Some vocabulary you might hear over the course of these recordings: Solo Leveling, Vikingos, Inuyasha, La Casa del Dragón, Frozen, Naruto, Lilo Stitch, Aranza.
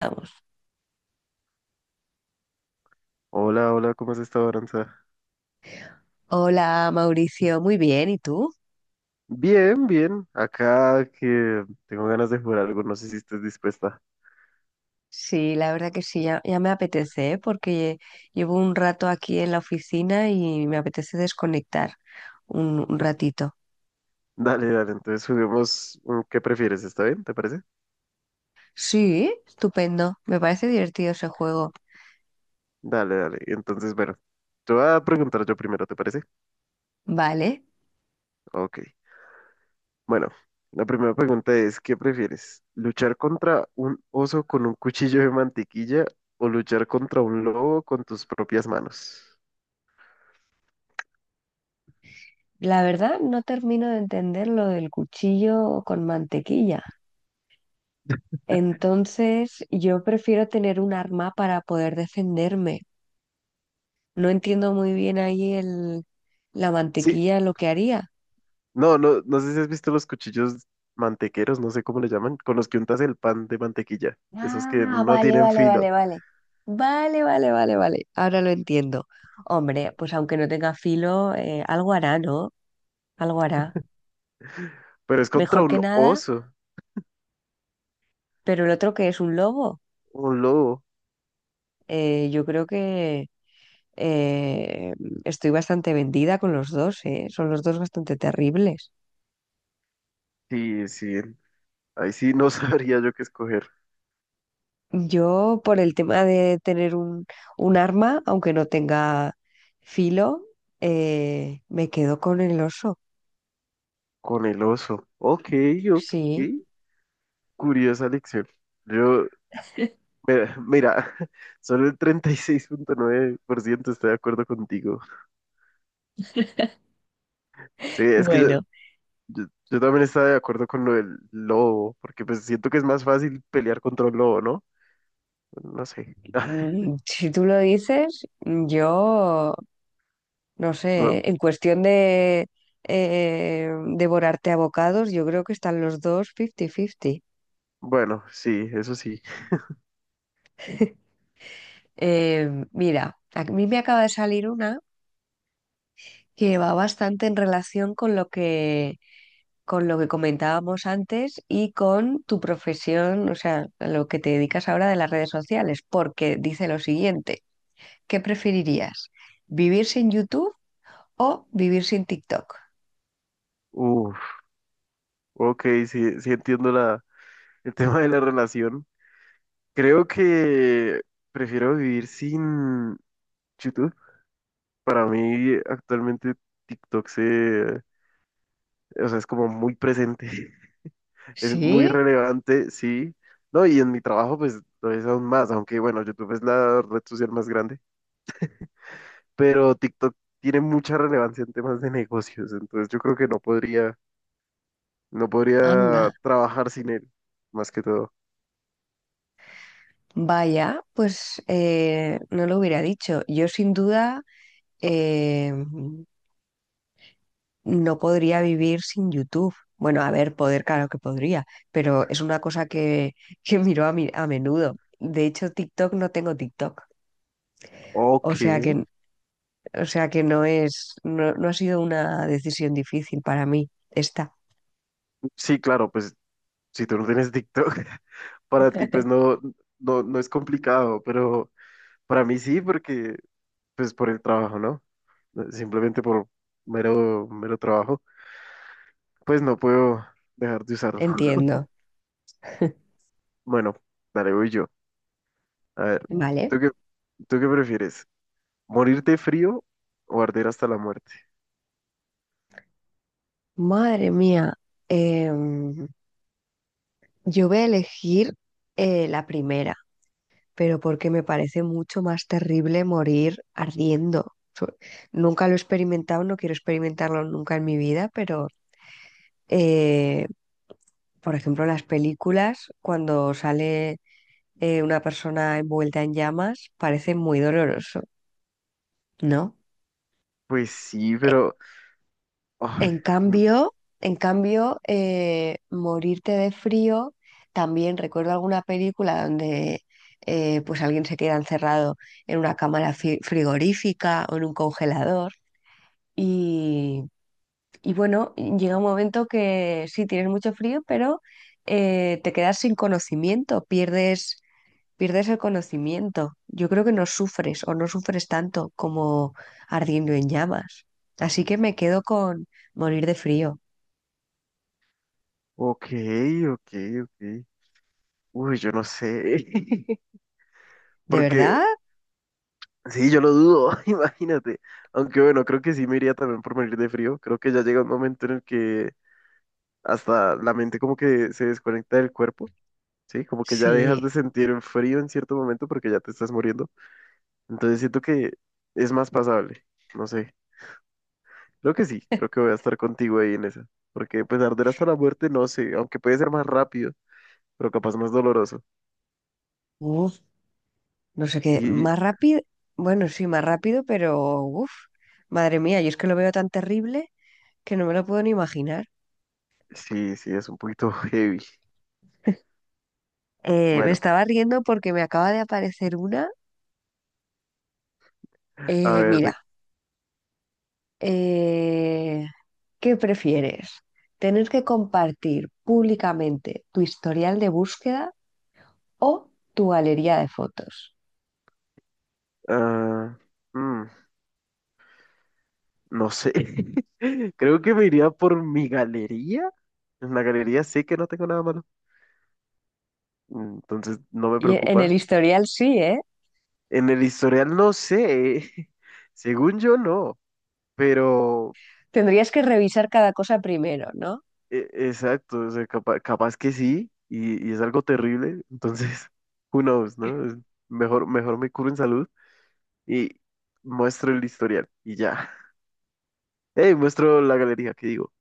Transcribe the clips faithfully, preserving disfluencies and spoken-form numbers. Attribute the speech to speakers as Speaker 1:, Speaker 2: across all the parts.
Speaker 1: Vamos.
Speaker 2: Hola, hola, ¿cómo has estado, Aranza?
Speaker 1: Hola Mauricio, muy bien, ¿y tú?
Speaker 2: Bien, bien. Acá que tengo ganas de jugar algo, no sé si estás dispuesta.
Speaker 1: Sí, la verdad que sí, ya, ya me apetece, ¿eh? Porque llevo un rato aquí en la oficina y me apetece desconectar un, un ratito.
Speaker 2: Dale, dale, entonces juguemos. mm, ¿Qué prefieres? ¿Está bien? ¿Te parece?
Speaker 1: Sí, estupendo, me parece divertido ese juego.
Speaker 2: Dale, dale. Entonces, bueno, te voy a preguntar yo primero, ¿te parece?
Speaker 1: Vale,
Speaker 2: Ok. Bueno, la primera pregunta es, ¿qué prefieres? ¿Luchar contra un oso con un cuchillo de mantequilla o luchar contra un lobo con tus propias manos?
Speaker 1: la verdad no termino de entender lo del cuchillo con mantequilla. Entonces, yo prefiero tener un arma para poder defenderme. No entiendo muy bien ahí el, la
Speaker 2: Sí,
Speaker 1: mantequilla lo que haría.
Speaker 2: no, no, no sé si has visto los cuchillos mantequeros, no sé cómo le llaman, con los que untas el pan de mantequilla. Esos que
Speaker 1: Ah,
Speaker 2: no
Speaker 1: vale,
Speaker 2: tienen
Speaker 1: vale,
Speaker 2: filo.
Speaker 1: vale, vale. Vale, vale, vale, vale. Ahora lo entiendo. Hombre, pues aunque no tenga filo, eh, algo hará, ¿no? Algo hará.
Speaker 2: Pero es contra
Speaker 1: Mejor que
Speaker 2: un
Speaker 1: nada,
Speaker 2: oso,
Speaker 1: pero el otro que es un lobo,
Speaker 2: un lobo.
Speaker 1: eh, yo creo que eh, estoy bastante vendida con los dos, ¿eh? Son los dos bastante terribles.
Speaker 2: Sí, sí. Ahí sí no sabría yo qué escoger.
Speaker 1: Yo, por el tema de tener un, un arma, aunque no tenga filo, eh, me quedo con el oso.
Speaker 2: Con el oso. Ok, ok.
Speaker 1: Sí.
Speaker 2: Curiosa lección. Yo, mira, mira, solo el treinta y seis punto nueve por ciento está de acuerdo contigo. Sí, es que yo,
Speaker 1: Bueno.
Speaker 2: Yo, yo también estaba de acuerdo con lo del lobo, porque pues siento que es más fácil pelear contra un lobo, ¿no? No sé.
Speaker 1: Mm, Si tú lo dices, yo no
Speaker 2: Bu-
Speaker 1: sé, en cuestión de eh, devorarte a bocados, yo creo que están los dos cincuenta cincuenta.
Speaker 2: Bueno, sí, eso sí.
Speaker 1: Eh, mira, a mí me acaba de salir una que va bastante en relación con lo que, con lo que comentábamos antes y con tu profesión, o sea, a lo que te dedicas ahora de las redes sociales, porque dice lo siguiente, ¿qué preferirías? ¿Vivir sin YouTube o vivir sin TikTok?
Speaker 2: Uf, ok, sí, sí entiendo la, el tema de la relación. Creo que prefiero vivir sin YouTube. Para mí, actualmente TikTok se, o sea, es como muy presente, es
Speaker 1: ¿Sí?
Speaker 2: muy relevante, sí. No, y en mi trabajo, pues lo es aún más, aunque bueno, YouTube es la red social más grande, pero TikTok tiene mucha relevancia en temas de negocios, entonces yo creo que no podría, no podría
Speaker 1: Anda,
Speaker 2: trabajar sin él, más que todo.
Speaker 1: vaya, pues eh, no lo hubiera dicho. Yo sin duda eh, no podría vivir sin YouTube. Bueno, a ver, poder, claro que podría, pero es una cosa que, que miro a, mi- a menudo. De hecho, TikTok no tengo TikTok. O
Speaker 2: Ok,
Speaker 1: sea que, o sea que no es, no, no ha sido una decisión difícil para mí. Esta,
Speaker 2: sí, claro, pues si tú no tienes TikTok, para ti pues no, no, no es complicado, pero para mí sí, porque pues por el trabajo, ¿no? Simplemente por mero, mero trabajo, pues no puedo dejar de usarlo.
Speaker 1: entiendo.
Speaker 2: Bueno, dale, voy yo. A ver,
Speaker 1: Vale.
Speaker 2: ¿tú qué, tú qué prefieres? ¿Morirte de frío o arder hasta la muerte?
Speaker 1: Madre mía, em, yo voy a elegir eh, la primera. Pero porque me parece mucho más terrible morir ardiendo. So- Nunca lo he experimentado, no quiero experimentarlo nunca en mi vida, pero eh, por ejemplo, en las películas, cuando sale eh, una persona envuelta en llamas, parece muy doloroso, ¿no?
Speaker 2: Pues sí,
Speaker 1: E-
Speaker 2: pero... ay,
Speaker 1: En
Speaker 2: mm,
Speaker 1: cambio, en cambio, eh, morirte de frío, también recuerdo alguna película donde eh, pues alguien se queda encerrado en una cámara fi- frigorífica o en un congelador. Y, y bueno, llega un momento que sí, tienes mucho frío, pero eh, te quedas sin conocimiento, pierdes, pierdes el conocimiento. Yo creo que no sufres o no sufres tanto como ardiendo en llamas. Así que me quedo con morir de frío.
Speaker 2: ok, ok, ok. Uy, yo no sé.
Speaker 1: ¿De
Speaker 2: Porque
Speaker 1: verdad?
Speaker 2: sí, yo lo dudo, imagínate. Aunque bueno, creo que sí me iría también por morir de frío. Creo que ya llega un momento en el que hasta la mente como que se desconecta del cuerpo, ¿sí? Como que ya dejas de
Speaker 1: Sí.
Speaker 2: sentir el frío en cierto momento porque ya te estás muriendo. Entonces siento que es más pasable. No sé. Creo que sí, creo que voy a estar contigo ahí en esa. Porque pues arder hasta la muerte, no sé, aunque puede ser más rápido, pero capaz más doloroso.
Speaker 1: Uf, no sé
Speaker 2: Y,
Speaker 1: qué.
Speaker 2: y-
Speaker 1: Más rápido. Bueno, sí, más rápido, pero uf. Madre mía, yo es que lo veo tan terrible que no me lo puedo ni imaginar.
Speaker 2: sí, sí, es un poquito heavy.
Speaker 1: Eh, me
Speaker 2: Bueno,
Speaker 1: estaba riendo porque me acaba de aparecer una.
Speaker 2: a
Speaker 1: Eh,
Speaker 2: ver,
Speaker 1: mira,
Speaker 2: de-
Speaker 1: eh, ¿qué prefieres? ¿Tener que compartir públicamente tu historial de búsqueda o tu galería de fotos?
Speaker 2: ah, mm, no sé. Creo que me iría por mi galería. En la galería sé que no tengo nada malo, entonces no me
Speaker 1: Y e, en el
Speaker 2: preocupa.
Speaker 1: historial sí, ¿eh?
Speaker 2: En el historial no sé, según yo no, pero
Speaker 1: Tendrías que revisar cada cosa primero, ¿no?
Speaker 2: e- exacto, o sea, capa- capaz, que sí, y, y es algo terrible, entonces, who knows, ¿no? Es Mejor, mejor me curo en salud y muestro el historial y ya. Hey, muestro la galería qué digo.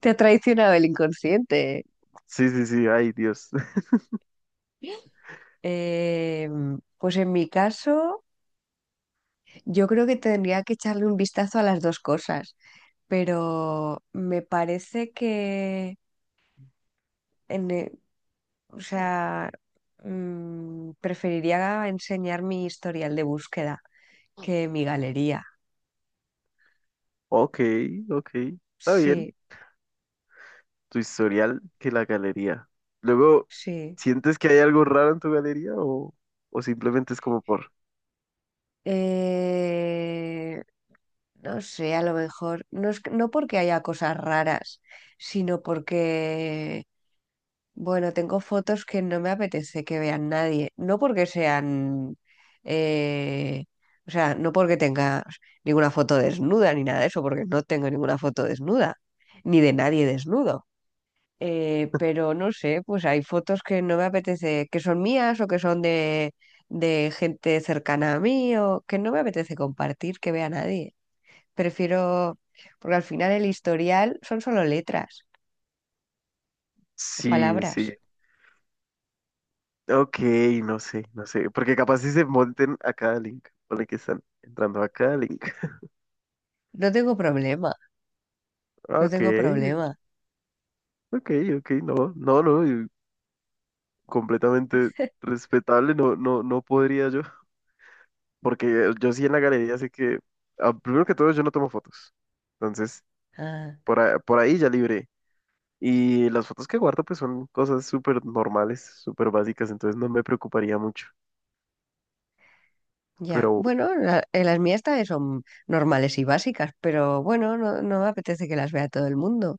Speaker 1: Te ha traicionado el inconsciente.
Speaker 2: Sí, sí, sí, ay Dios.
Speaker 1: Eh, pues en mi caso, yo creo que tendría que echarle un vistazo a las dos cosas, pero me parece que en, eh, o sea, mm, preferiría enseñar mi historial de búsqueda que mi galería.
Speaker 2: Ok, ok, está bien.
Speaker 1: Sí,
Speaker 2: Tu historial que la galería. Luego,
Speaker 1: sí.
Speaker 2: ¿sientes que hay algo raro en tu galería o, o simplemente es como por...
Speaker 1: Eh, no sé, a lo mejor, no es, que- no porque haya cosas raras, sino porque, bueno, tengo fotos que no me apetece que vean nadie. No porque sean, eh, o sea, no porque tenga ninguna foto desnuda ni nada de eso, porque no tengo ninguna foto desnuda, ni de nadie desnudo. Eh, pero no sé, pues hay fotos que no me apetece, que son mías o que son de, de gente cercana a mí o que no me apetece compartir, que vea nadie. Prefiero, porque al final el historial son solo letras o
Speaker 2: Sí, sí.
Speaker 1: palabras.
Speaker 2: Ok, no sé, no sé. Porque capaz si se monten a cada link. Ponle que están entrando a cada link.
Speaker 1: No tengo problema, no
Speaker 2: Ok,
Speaker 1: tengo problema.
Speaker 2: ok, ok, no, no, no, y completamente respetable, no, no, no podría yo. Porque yo sí en la galería sé que, ah, primero que todo, yo no tomo fotos. Entonces,
Speaker 1: Ah,
Speaker 2: por, a- por ahí ya libré. Y las fotos que guardo, pues son cosas súper normales, súper básicas, entonces no me preocuparía mucho.
Speaker 1: ya.
Speaker 2: Pero
Speaker 1: Bueno, la- eh, las mías también son normales y básicas, pero bueno, no, no me apetece que las vea todo el mundo.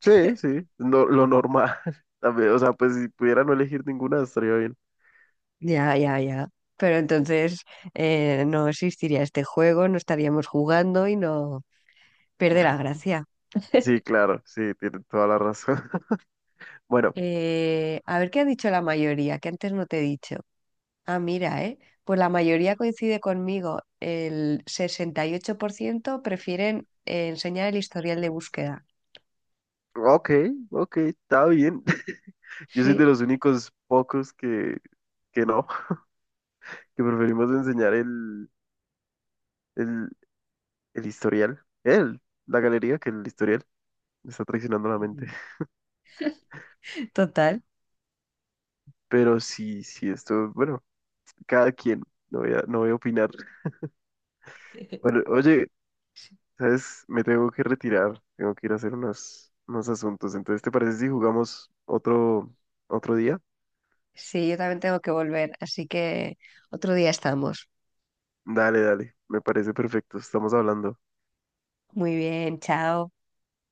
Speaker 2: sí, sí, no, lo normal. También, o sea, pues si pudiera no elegir ninguna, estaría bien.
Speaker 1: Ya, ya, ya. Pero entonces eh, no existiría este juego, no estaríamos jugando y no pierde la gracia.
Speaker 2: Sí, claro, sí, tiene toda la razón. Bueno,
Speaker 1: Eh, a ver qué ha dicho la mayoría, que antes no te he dicho. Ah, mira, ¿eh? Pues la mayoría coincide conmigo. El sesenta y ocho por ciento prefieren eh, enseñar el historial de búsqueda.
Speaker 2: ok, ok, está bien. Yo soy de
Speaker 1: Sí,
Speaker 2: los únicos pocos que, que no, que preferimos enseñar el el, El historial. Él, la galería que el historial me está traicionando la mente.
Speaker 1: Ujú. Total.
Speaker 2: Pero sí, sí, esto, bueno, cada quien. No voy a, no voy a opinar. Bueno, oye, ¿sabes? Me tengo que retirar. Tengo que ir a hacer unos, unos asuntos. Entonces, ¿te parece si jugamos otro, otro día?
Speaker 1: Sí, yo también tengo que volver, así que otro día estamos.
Speaker 2: Dale, dale. Me parece perfecto. Estamos hablando.
Speaker 1: Muy bien, chao.